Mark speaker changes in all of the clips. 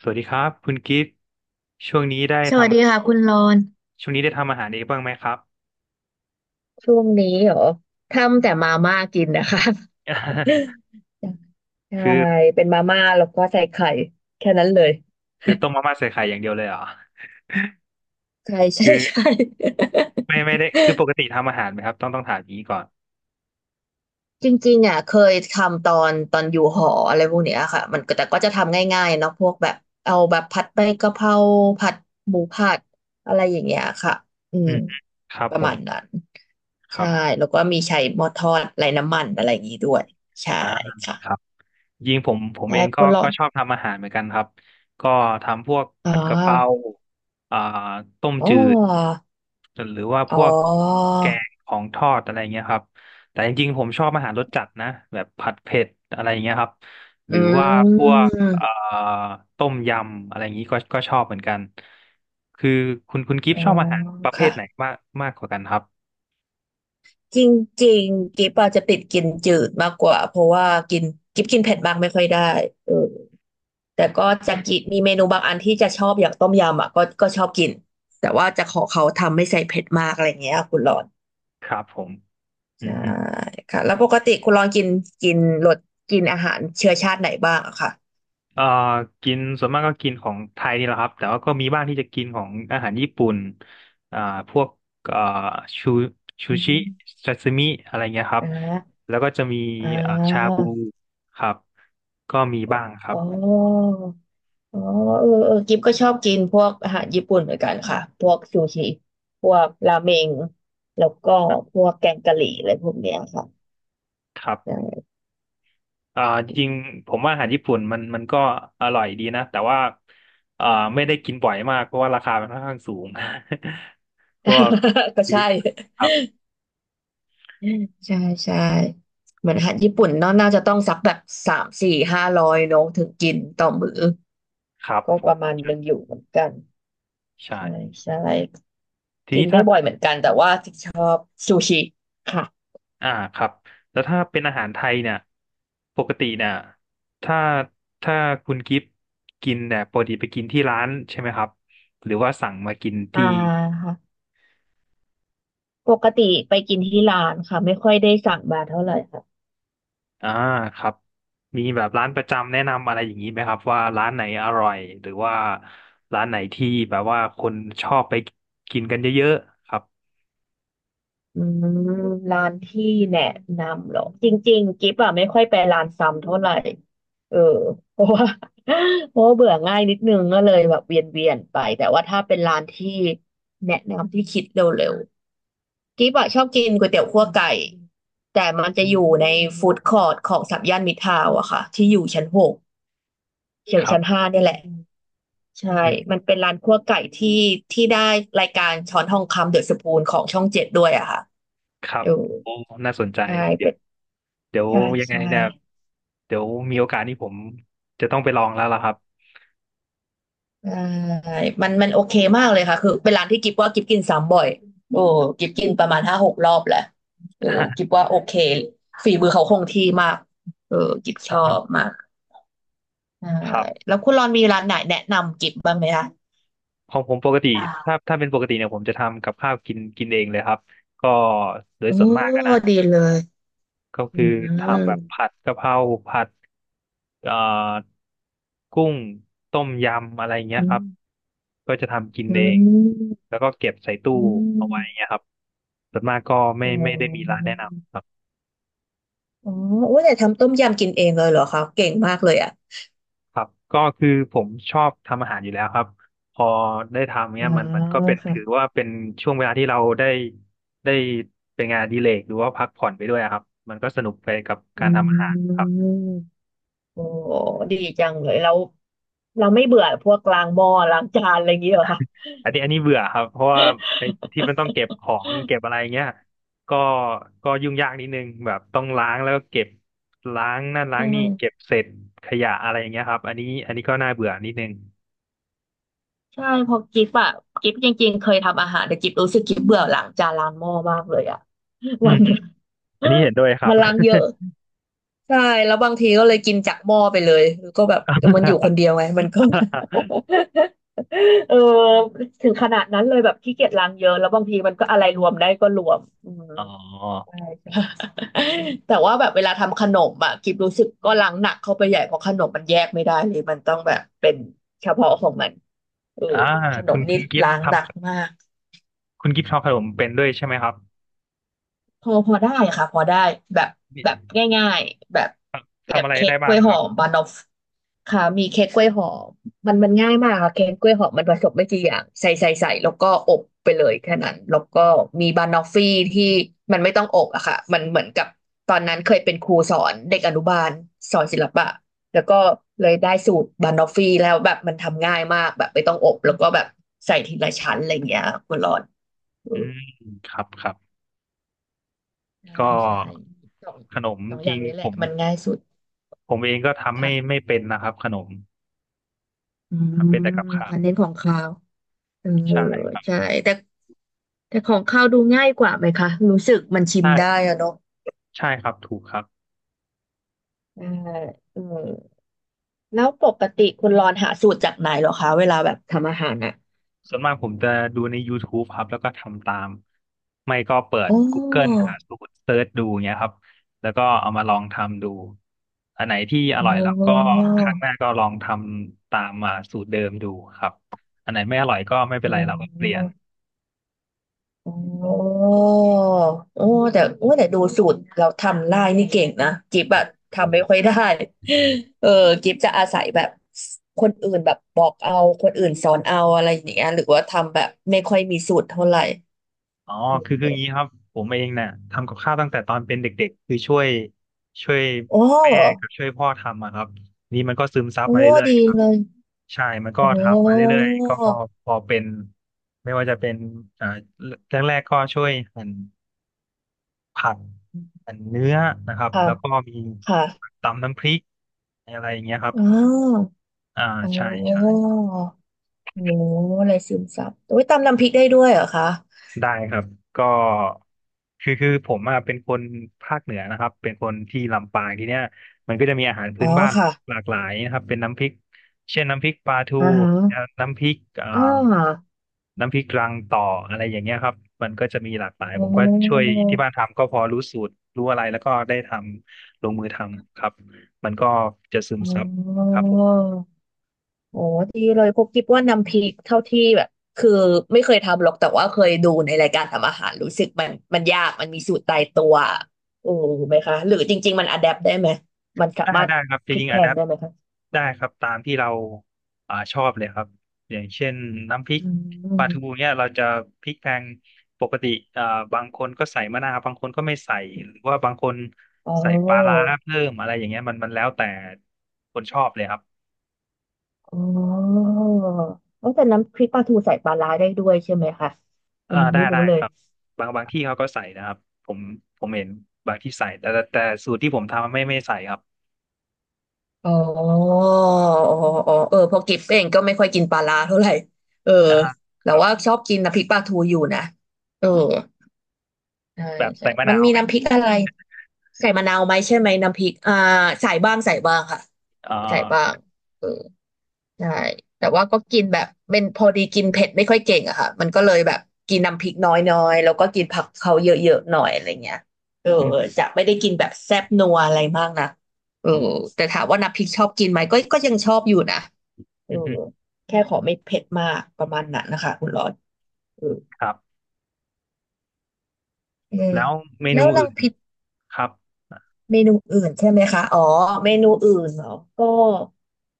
Speaker 1: สวัสดีครับคุณกิฟต์ช่วงนี้ได้
Speaker 2: ส
Speaker 1: ท
Speaker 2: วัสดีค่ะคุณรอน
Speaker 1: ำช่วงนี้ได้ทำอาหารเองบ้างไหมครับ
Speaker 2: ช่วงนี้เหรอทำแต่มาม่ากินนะคะ ใช่
Speaker 1: คือ
Speaker 2: เป็นมาม่าแล้วก็ใส่ไข่แค่นั้นเลย
Speaker 1: คือต้มมาม่าใส่ไข่อย่างเดียวเลยเหรอ
Speaker 2: ใช่
Speaker 1: คื
Speaker 2: ใช่
Speaker 1: อ
Speaker 2: ใช่
Speaker 1: ไม่ได้คือปกติทำอาหารไหมครับต้องถามอย่างนี้ก่อน
Speaker 2: จริงๆอ่ะเคยทำตอนอยู่หออะไรพวกเนี้ยค่ะมันก็แต่ก็จะทำง่ายๆเนาะพวกแบบเอาแบบผัดใบกะเพราผัดหมูผัดอะไรอย่างเงี้ยค่ะอื
Speaker 1: อื
Speaker 2: ม
Speaker 1: มครับ
Speaker 2: ป
Speaker 1: ผ
Speaker 2: ระมา
Speaker 1: ม
Speaker 2: ณนั้น
Speaker 1: ค
Speaker 2: ใช่
Speaker 1: รับ
Speaker 2: แล้วก็มีใช้หม้อทอดไร้น้ำมันอะไรอย่างงี้ด้วยใช่
Speaker 1: อ่า
Speaker 2: ค่ะ
Speaker 1: ครับ ยิงผมเอ
Speaker 2: แต่
Speaker 1: งก็
Speaker 2: คุณรอ
Speaker 1: ก็
Speaker 2: น
Speaker 1: ชอบทำอาหารเหมือนกันครับก็ทำพวก
Speaker 2: อ๋อ
Speaker 1: ผัดกะเพราอ่าต้ม
Speaker 2: อ๋อ
Speaker 1: จืดหรือว่าพ
Speaker 2: อ๋อ
Speaker 1: วกแกงของทอดอะไรเงี้ยครับแต่จริงๆผมชอบอาหารรสจัดนะแบบผัดเผ็ดอะไรเงี้ยครับห
Speaker 2: อื
Speaker 1: รือว่าพวกเอ่า
Speaker 2: ม
Speaker 1: ต้มยำอะไรอย่างนี้ก็ชอบเหมือนกันคือคุณกิฟ
Speaker 2: อ๋
Speaker 1: ต์
Speaker 2: อ
Speaker 1: ชอบอาหารประเภ
Speaker 2: ค่ะ
Speaker 1: ทไหนมากมากกว่ากันครับ
Speaker 2: จริงๆกิ๊บอาจจะติดกินจืดมากกว่าเพราะว่ากินกิ๊บกินเผ็ดมากไม่ค่อยได้เออแต่ก็จะกินมีเมนูบางอันที่จะชอบอย่างต้มยำอ่ะก็ก็ชอบกินแต่ว่าจะขอเขาทำไม่ใส่เผ็ดมากอะไรอย่างเงี้ยคุณรอน
Speaker 1: ครับผมอื
Speaker 2: ใช่
Speaker 1: ม
Speaker 2: ค่ะแล้วปกติคุณรอนกินกินรสกินอาหารเชื้อชาติไหนบ้างอะค่ะ
Speaker 1: เอ่อกินส่วนมากก็กินของไทยนี่แหละครับแต่ว่าก็มีบ้างที่จะกินของอาหารญี่ปุ่นอ่าพวกเอ่อชู
Speaker 2: อื
Speaker 1: ชิ
Speaker 2: ม
Speaker 1: ซาซิมิอะไรเงี้ยครับ
Speaker 2: อ่า
Speaker 1: แล้วก็จะมี
Speaker 2: อ่
Speaker 1: อ่าชา
Speaker 2: า
Speaker 1: บูครับ ก็มีบ้างครั
Speaker 2: อ๋
Speaker 1: บ
Speaker 2: อ อ๋อเออเออกิฟก็ชอบกินพวกอาหารญี่ปุ่นเหมือนกันค่ะพวกซูชิพวกราเมงแล้วก็พวกแกงกะหรี่อะไรพวกเนี้ยค่ะ
Speaker 1: ครับ
Speaker 2: ใช่
Speaker 1: อ่าจริงๆผมว่าอาหารญี่ปุ่นมันก็อร่อยดีนะแต่ว่าอ่าไม่ได้กินบ่อยมากเพราะว่าราคามันค่อนข้างสูง พวก
Speaker 2: ก็
Speaker 1: ซูชวิ
Speaker 2: ใช่
Speaker 1: ตครับ
Speaker 2: ใช่ใช่เหมือนอาหารญี่ปุ่นเนาะน่าจะต้องสักแบบสามสี่ห้าร้อยเนาะถึงกินต่อมื้อ
Speaker 1: ครับ
Speaker 2: ก็
Speaker 1: ผ
Speaker 2: ป
Speaker 1: ม
Speaker 2: ระมาณหนึงอยู่เหมือนกัน
Speaker 1: ใช่
Speaker 2: ใช่ใช่
Speaker 1: ที
Speaker 2: กิ
Speaker 1: นี้
Speaker 2: นไม่บ่อ
Speaker 1: ถ้า
Speaker 2: ยเหมือนกันแต่ว่าซูชิค่ะ
Speaker 1: อ่าครับแล้วถ้าเป็นอาหารไทยเนี่ยปกติเนี่ยถ้าถ้าคุณกิฟต์กินเนี่ยปกติไปกินที่ร้านใช่ไหมครับหรือว่าสั่งมากิน
Speaker 2: อ่า
Speaker 1: ที่
Speaker 2: ค่ะปกติไปกินที่ร้านค่ะไม่ค่อยได้สั่งมาเท่าไหร่ค่ะ
Speaker 1: อ่าครับมีแบบร้านประจำแนะนำอะไรอย่างนี้ไหมครับว่าร้านไหนอร่อยหรือว่าร้านไหนที่แบบว่าคนชอบไปกินกันเยอะๆครับ
Speaker 2: อืมร้านที่แนะนำเหรอจริงๆกิ๊บอะไม่ค่อยไปร้านซ้ำเท่าไหร่เออ เพราะว่า เพราะว่าเบื่อง่ายนิดนึงก็เลยแบบเวียนเวียนไปแต่ว่าถ้าเป็นร้านที่แนะนำที่คิดเร็วๆกิ๊บอะชอบกินก๋วยเตี๋ยวคั่วไก่แต่มันจะ
Speaker 1: อื
Speaker 2: อยู่
Speaker 1: ม
Speaker 2: ในฟู้ดคอร์ทของสัมย่านมิตรทาวน์อะค่ะที่อยู่ชั้น 6เฉีย
Speaker 1: ค
Speaker 2: ว
Speaker 1: รั
Speaker 2: ชั้น
Speaker 1: บ
Speaker 2: ห้าเนี่ยแหละใช่
Speaker 1: อืม
Speaker 2: มันเป็นร้านคั่วไก่ที่ได้รายการช้อนทองคำเดอะสปูนของช่อง 7ด้วยอะค่ะ
Speaker 1: ครั
Speaker 2: เอ
Speaker 1: บ
Speaker 2: อ
Speaker 1: โอ้น่าสนใจ
Speaker 2: ใช่
Speaker 1: เดี๋ยวเดี๋ยว
Speaker 2: ใช่
Speaker 1: ยังไง
Speaker 2: ใช่
Speaker 1: เนี่ยเดี๋ยวมีโอกาสนี่ผมจะต้องไปลองแล้วล่ะครับ
Speaker 2: ใช่มันโอเคมากเลยค่ะคือเป็นร้านที่กิฟว่ากิฟกินซ้ำบ่อยโอ้กิฟกินประมาณห้าหกรอบแหละเออกิฟว่าโอเคฝีมือเขาคงที่มากเออกิฟชอบ มากใช่
Speaker 1: ครับ
Speaker 2: แล้วคุณรอนมีร้านไหนแนะนำกิฟบ้างไหมคะ
Speaker 1: ของผมปกติถ้าเป็นปกติเนี่ยผมจะทำกับข้าวกินกินเองเลยครับก็โดย
Speaker 2: โอ้
Speaker 1: ส่วนมากอะนะ
Speaker 2: ดีเลย
Speaker 1: ก็
Speaker 2: อื
Speaker 1: คือ
Speaker 2: ม
Speaker 1: ทำแบบผัดกะเพราผัดเอ่อกุ้งต้มยำอะไรเงี้ย
Speaker 2: อื
Speaker 1: ครับ
Speaker 2: ม
Speaker 1: ก็จะทำกิน
Speaker 2: อื
Speaker 1: เอง
Speaker 2: ม
Speaker 1: แล้วก็เก็บใส่ตู้
Speaker 2: อืม
Speaker 1: เอาไว้เงี้ยครับส่วนมากก็ไม่
Speaker 2: อ๋
Speaker 1: ไม่ได้มีร้าน
Speaker 2: อ
Speaker 1: แนะนำครับ
Speaker 2: อ๋อโอ้ยแต่ทำต้มยำกินเองเลยเหรอคะเก่งมากเลยอ่ะ
Speaker 1: ครับก็คือผมชอบทำอาหารอยู่แล้วครับพอได้ทำ
Speaker 2: อ๋
Speaker 1: เนี้
Speaker 2: อ
Speaker 1: ยมันก็เป็น
Speaker 2: ค่ะ
Speaker 1: ถือว่าเป็นช่วงเวลาที่เราได้ได้เป็นงานอดีเลกหรือว่าพักผ่อนไปด้วยอะครับมันก็สนุกไปกับ
Speaker 2: อ
Speaker 1: การทำอาหาร
Speaker 2: ืม
Speaker 1: ครับ
Speaker 2: โอ้ดีจังเลยเราเราไม่เบื่อพวกล้างหม้อล้างจานอะไรอย่างเงี้ยเหรอคะ
Speaker 1: อันนี้เบื่อครับเพราะว่าไอ้ที่มันต้องเก็บของเก็บอะไรเงี้ยก็ก็ยุ่งยากนิดนึงแบบต้องล้างแล้วก็เก็บล้างนั่น
Speaker 2: ใช
Speaker 1: ล้างนี่เก็
Speaker 2: ่
Speaker 1: บเศษขยะอะไรอย่างเงี้ยครับอันนี้ก็น่าเบื่อนิดนึง
Speaker 2: ใช่เพอกิฟอะกิฟจริงๆเคยทำอาหารแต่กิฟรู้สึกกิฟเบื่อล้างจานล้างหม้อมากเลยอะ
Speaker 1: อื
Speaker 2: วั
Speaker 1: ม
Speaker 2: นหนึ่ง
Speaker 1: อันนี้เห็นด้วยครั
Speaker 2: มั
Speaker 1: บ
Speaker 2: นล้างเยอะใช่แล้วบางทีก็เลยกินจากหม้อไปเลยแล้วก็แบบมันอยู่คนเดียวไงมันก็ เออถึงขนาดนั้นเลยแบบขี้เกียจล้างเยอะแล้วบางทีมันก็อะไรรวมได้ก็รวมอืม
Speaker 1: อ๋อ
Speaker 2: ใช่ใช่ แต่ว่าแบบเวลาทำขนมอะกิบรู้สึกก็ล้างหนักเข้าไปใหญ่เพราะขนมมันแยกไม่ได้เลยมันต้องแบบเป็นเฉพาะของมันเออ
Speaker 1: อ่า
Speaker 2: ขน
Speaker 1: คุ
Speaker 2: ม
Speaker 1: ณคุ
Speaker 2: นี่
Speaker 1: ณกิฟ
Speaker 2: ล้า
Speaker 1: ต์
Speaker 2: งห
Speaker 1: ทำ
Speaker 2: นักมาก
Speaker 1: คุณกิฟต์ทำขนมเป็นด้วยใช่ไหมครับ
Speaker 2: พอได้ค่ะพอได้แบบ
Speaker 1: มี
Speaker 2: แบบง่ายๆแบบแบ
Speaker 1: ทำ
Speaker 2: บ
Speaker 1: อะไร
Speaker 2: เค้ก
Speaker 1: ได้
Speaker 2: ก
Speaker 1: บ้า
Speaker 2: ล้ว
Speaker 1: ง
Speaker 2: ย
Speaker 1: ค
Speaker 2: หอ
Speaker 1: รับ
Speaker 2: มบานอฟค่ะมีเค้กกล้วยหอมมันง่ายมากค่ะเค้กกล้วยหอมมันผสมไม่กี่อย่างใส่แล้วก็อบไปเลยแค่นั้นแล้วก็มีบานอฟฟี่ที่มันไม่ต้องอบอะค่ะมันเหมือนกับตอนนั้นเคยเป็นครูสอนเด็กอนุบาลสอนศิลปะแล้วก็เลยได้สูตรบานอฟฟี่แล้วแบบมันทำง่ายมากแบบไม่ต้องอบแล้วก็แบบใส่ทีละชั้นอะไรอย่างเงี้ยคุณรอน
Speaker 1: อืมครับครับ
Speaker 2: ใช่
Speaker 1: ก็
Speaker 2: ใช่สอง
Speaker 1: ขนม
Speaker 2: สอง
Speaker 1: จ
Speaker 2: อ
Speaker 1: ริ
Speaker 2: ย่าง
Speaker 1: ง
Speaker 2: นี้แห
Speaker 1: ผ
Speaker 2: ละ
Speaker 1: ม
Speaker 2: มันง่ายสุด
Speaker 1: ผมเองก็ทำ
Speaker 2: ค่ะ
Speaker 1: ไม่เป็นนะครับขนม
Speaker 2: อื
Speaker 1: ทำเป็น
Speaker 2: ม
Speaker 1: แต่กับข้าว
Speaker 2: ค่ะเน้นของคาวเออ
Speaker 1: ใช่
Speaker 2: ใช่แต่แต่ของคาวดูง่ายกว่าไหมคะรู้สึกมันชิม
Speaker 1: ใช่
Speaker 2: ได้อะเนาะ
Speaker 1: ใช่ครับถูกครับ
Speaker 2: เออเออแล้วปกติคุณรอนหาสูตรจากไหนเหรอคะเวลาแบบทำอาหารอ่ะ
Speaker 1: ส่วนมากผมจะดูใน YouTube ครับแล้วก็ทำตามไม่ก็เปิด
Speaker 2: อ๋
Speaker 1: Google
Speaker 2: อ
Speaker 1: หาสูตรเซิร์ชดูเงี้ยครับแล้วก็เอามาลองทำดูอันไหนที่อ
Speaker 2: อ๋
Speaker 1: ร่อยแล้วก็
Speaker 2: อ
Speaker 1: ครั้งหน้าก็ลองทำตามมาสูตรเดิมดูครับอันไหนไม่อร่อยก็ไม่เป็
Speaker 2: อ๋
Speaker 1: น
Speaker 2: อ
Speaker 1: ไรเราก็เปลี่ยน
Speaker 2: โอ้โอ้แต่โอ้แต่ดูสูตรเราทำลายนี่เก่งนะกิฟต์อะทำไม่ค่อยได้เออกิฟต์จะอาศัยแบบคนอื่นแบบบอกเอาคนอื่นสอนเอาอะไรอย่างเงี้ยหรือว่าทำแบบไม่ค่อยมีสูตรเท่าไหร่
Speaker 1: อ๋อคืออย่างนี้ครับผมเองเนี่ยทำกับข้าวตั้งแต่ตอนเป็นเด็กๆคือช่วย
Speaker 2: โอ
Speaker 1: แม่
Speaker 2: ้
Speaker 1: กับช่วยพ่อทำอะครับนี่มันก็ซึมซับ
Speaker 2: โอ้
Speaker 1: มาเรื่อย
Speaker 2: ดี
Speaker 1: ๆครับ
Speaker 2: เลย
Speaker 1: ใช่มัน
Speaker 2: โอ
Speaker 1: ก็ทำมา
Speaker 2: ้
Speaker 1: เรื่อยๆก็พอเป็นไม่ว่าจะเป็นอ่าแรกๆก็ช่วยหั่นผักหั่นเนื้อนะครับ
Speaker 2: ค่ะ
Speaker 1: แล้วก็มี
Speaker 2: ค่ะ
Speaker 1: ตำน้ำพริกอะไรอย่างเงี้ยครับ
Speaker 2: อ๋อ
Speaker 1: อ่า
Speaker 2: อ๋
Speaker 1: ใช่ใช่
Speaker 2: อโอ้โหอะไรซึมซับโอ้ยตำน้ำพริกได้ด้วยเหรอคะ
Speaker 1: ได้ครับก็คือผมอะเป็นคนภาคเหนือนะครับเป็นคนที่ลำปางทีเนี้ยมันก็จะมีอาหาร
Speaker 2: อ๋
Speaker 1: พื้
Speaker 2: อ
Speaker 1: นบ้าน
Speaker 2: ค่ะ
Speaker 1: หลากหลายนะครับเป็นน้ำพริกเช่นน้ำพริกปลาทู
Speaker 2: อ่าฮะ
Speaker 1: น้ำพริก
Speaker 2: อ่า
Speaker 1: น้ำพริกรังต่ออะไรอย่างเงี้ยครับมันก็จะมีหลากหลาย
Speaker 2: โอ
Speaker 1: ผมก็ช่ว
Speaker 2: ้
Speaker 1: ยที่บ้านทำก็พอรู้สูตรรู้อะไรแล้วก็ได้ทำลงมือทำครับมันก็จะซึม
Speaker 2: อ๋
Speaker 1: ซับ
Speaker 2: อ
Speaker 1: ครับ
Speaker 2: โอ้ดีเลยพวกคิดว่าน้ำพริกเท่าที่แบบคือไม่เคยทำหรอกแต่ว่าเคยดูในรายการทำอาหารรู้สึกมันยากมันมีสูตรตายตัวโอ้ไหมคะหรือจริงๆมันอะแดปได้ไหมมันสา
Speaker 1: ได้
Speaker 2: มารถ
Speaker 1: ได้ครับ
Speaker 2: พ
Speaker 1: จะ
Speaker 2: ลิ
Speaker 1: ยิ
Speaker 2: ก
Speaker 1: ง
Speaker 2: แพ
Speaker 1: อะ
Speaker 2: ล
Speaker 1: แด
Speaker 2: ง
Speaker 1: ป
Speaker 2: ได้ไหมคะ
Speaker 1: ได้ครับตามที่เราอ่าชอบเลยครับอย่างเช่นน้ำพริก
Speaker 2: อื
Speaker 1: ปลาทู
Speaker 2: ม
Speaker 1: เนี่ยเราจะพริกแกงปกติอ่าบางคนก็ใส่มะนาวบางคนก็ไม่ใส่หรือว่าบางคน
Speaker 2: อ๋อ
Speaker 1: ใส่ปลาร้าเพิ่มอะไรอย่างเงี้ยมันแล้วแต่คนชอบเลยครับ
Speaker 2: อ๋อเอ้าแต่น้ำพริกปลาทูใส่ปลาร้าได้ด้วยใช่ไหมคะอั
Speaker 1: อ่า
Speaker 2: นนี้
Speaker 1: ได้
Speaker 2: ไม่รู้
Speaker 1: ได้
Speaker 2: เล
Speaker 1: ค
Speaker 2: ย
Speaker 1: รับบางที่เขาก็ใส่นะครับผมผมเห็นบางที่ใส่แต่แต่สูตรที่ผมทำไม่ใส่ครับ
Speaker 2: อ๋ออ๋ออ๋อเออเพอกิฟเองก็ไม่ค่อยกินปลาร้าเท่าไหร่ เออ
Speaker 1: อ่าค
Speaker 2: แต่
Speaker 1: รับ
Speaker 2: ว่าชอบกินน้ำพริกปลาทูอยู่นะ เออใช่
Speaker 1: แบบ
Speaker 2: ใช่
Speaker 1: ใส่มะ
Speaker 2: มั
Speaker 1: นา
Speaker 2: น
Speaker 1: ว
Speaker 2: มี
Speaker 1: ไหม
Speaker 2: น้ำพริกอะไร ใส่มะนาวไหมใช่ไหมน้ำพริก ใส่บ้างใส่บ้างค่ะ
Speaker 1: อ่
Speaker 2: ใส่บ้าง
Speaker 1: า
Speaker 2: เออ ใช่แต่ว่าก็กินแบบเป็นพอดีกินเผ็ดไม่ค่อยเก่งอะค่ะมันก็เลยแบบกินน้ำพริกน้อยๆแล้วก็กินผักเขาเยอะๆ หน่อยอะไรเงี้ยเออ
Speaker 1: อืม
Speaker 2: จะไม่ได้กินแบบแซ่บนัวอะไรมากนะเออ
Speaker 1: อืม
Speaker 2: แต่ถามว่าน้ำพริกชอบกินไหมก็ก็ยังชอบอยู่นะเออ
Speaker 1: อืม
Speaker 2: แค่ขอไม่เผ็ดมากประมาณนั้นนะคะคุณรอนเออ
Speaker 1: ครับ
Speaker 2: เออ
Speaker 1: แล้วเมนู
Speaker 2: แล้วลั
Speaker 1: อื่
Speaker 2: ง
Speaker 1: น
Speaker 2: ผิด
Speaker 1: ครับ
Speaker 2: เมนูอื่นใช่ไหมคะอ๋อเมนูอื่นเหรอก็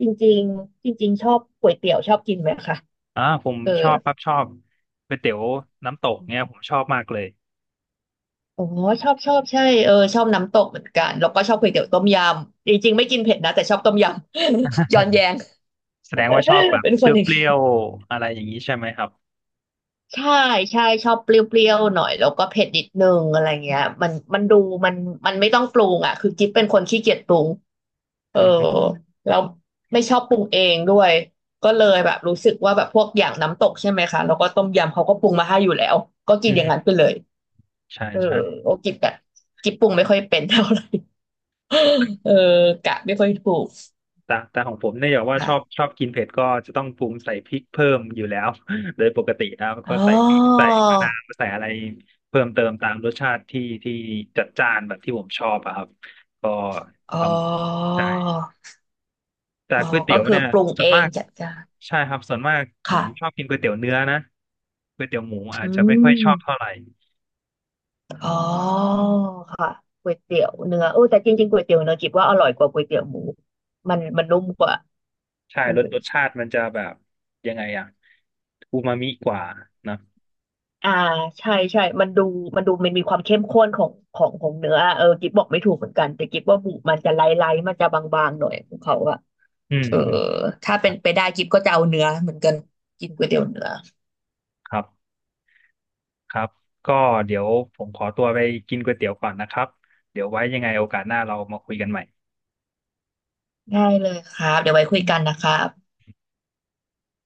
Speaker 2: จริงๆจริงๆชอบก๋วยเตี๋ยวชอบกินไหมคะ
Speaker 1: อ่าผม
Speaker 2: เออ
Speaker 1: ชอบครับชอบก๋วยเตี๋ยวน้ำตกเนี่ยผมชอบมากเลย
Speaker 2: อ๋อชอบชอบใช่เออชอบน้ำตกเหมือนกันแล้วก็ชอบก๋วยเตี๋ยวต้มยำจริงๆไม่กินเผ็ดนะแต่ชอบต้มยำ ย้อนแยง
Speaker 1: แสดงว่าชอบแบ บ
Speaker 2: เป็น
Speaker 1: เ
Speaker 2: คนอีก
Speaker 1: ปรี้ยวๆอะไรอย่างนี้ใช่ไหมครับ
Speaker 2: ใช่ใช่ชอบเปรี้ยวๆหน่อยแล้วก็เผ็ดนิดนึงอะไรเงี้ยมันดูมันมันไม่ต้องปรุงอ่ะคือกิ๊บเป็นคนขี้เกียจปรุงเออ
Speaker 1: อืมฮึ
Speaker 2: แล้วไม่ชอบปรุงเองด้วยก็เลยแบบรู้สึกว่าแบบพวกอย่างน้ำตกใช่ไหมคะแล้วก็ต้มยำเขาก็ปรุงมาให้อยู่แล้วก็กิน
Speaker 1: อืม
Speaker 2: อย่าง
Speaker 1: ฮึ
Speaker 2: นั้นไปเลย
Speaker 1: ใช่
Speaker 2: เออ
Speaker 1: ใช่
Speaker 2: โอกิ๊บแบบกิ๊บปรุงไม่ค่อยเป็นเท่าไหร่ เออกะไม่ค่อยถูก
Speaker 1: แต่ของผมเนี่ยอย่างว่าชอบ
Speaker 2: ค่ะ
Speaker 1: ชอบกินเผ็ดก็จะต้องปรุงใส่พริกเพิ่มอยู่แล้ว โดยปกติแล้วก็
Speaker 2: อ๋อ
Speaker 1: ใส่พริกใส่มะนาวใส่อะไรเพิ่มเติมตามรสชาติที่จัดจ้านแบบที่ผมชอบอะครับก็
Speaker 2: อ๋
Speaker 1: ท
Speaker 2: อ
Speaker 1: ำ แต่
Speaker 2: อ๋อ
Speaker 1: ก๋วย
Speaker 2: ก็
Speaker 1: เตี๋ยว
Speaker 2: คือ
Speaker 1: เนี่ย
Speaker 2: ปรุง
Speaker 1: ส่ว
Speaker 2: เอ
Speaker 1: น
Speaker 2: ง
Speaker 1: มาก
Speaker 2: จัดการ
Speaker 1: ใช่ครับส่วนมากผมชอบ
Speaker 2: ค่ะ
Speaker 1: กินก๋วยเตี๋ยวเนื้อนะก๋วยเตี๋ยวหมูอา
Speaker 2: อื
Speaker 1: จจะไม่ค่อยชอบ
Speaker 2: ม
Speaker 1: เท่าไหร่
Speaker 2: อ๋อค่ะก๋วยเตี๋ยวเนื้อโอ้แต่จริงๆก๋วยเตี๋ยวเนื้อคิดว่าอร่อยกว่าก๋วยเตี๋ยวหมูมันมันนุ่มกว่า
Speaker 1: ใช่
Speaker 2: เออ
Speaker 1: รสชาติมันจะแบบยังไงอะอูมามิกว่านะ
Speaker 2: อ่าใช่ใช่มันดูมันดูมันมีความเข้มข้นของเนื้อเออกิ๊บบอกไม่ถูกเหมือนกันแต่กิ๊บว่าบุมันจะไล่มันจะบางๆหน่อยของเขาอะ
Speaker 1: อืม
Speaker 2: เออ
Speaker 1: อืม
Speaker 2: ถ้า
Speaker 1: ค
Speaker 2: เป็
Speaker 1: รั
Speaker 2: น
Speaker 1: บ
Speaker 2: ไปได้กิ๊บก็จะเอาเนื้อเหมือนกันกินก๋วยเตี๋ยวเนื้อ
Speaker 1: ครับก็เดี๋ยวผมขอตัวไปกินก๋วยเตี๋ยวก่อนนะครับเดี๋ยวไว้ยังไงโอกาสหน้าเรามาคุยกันใหม่
Speaker 2: ได้เลยครับเดี๋ยวไว้คุยกันนะครับ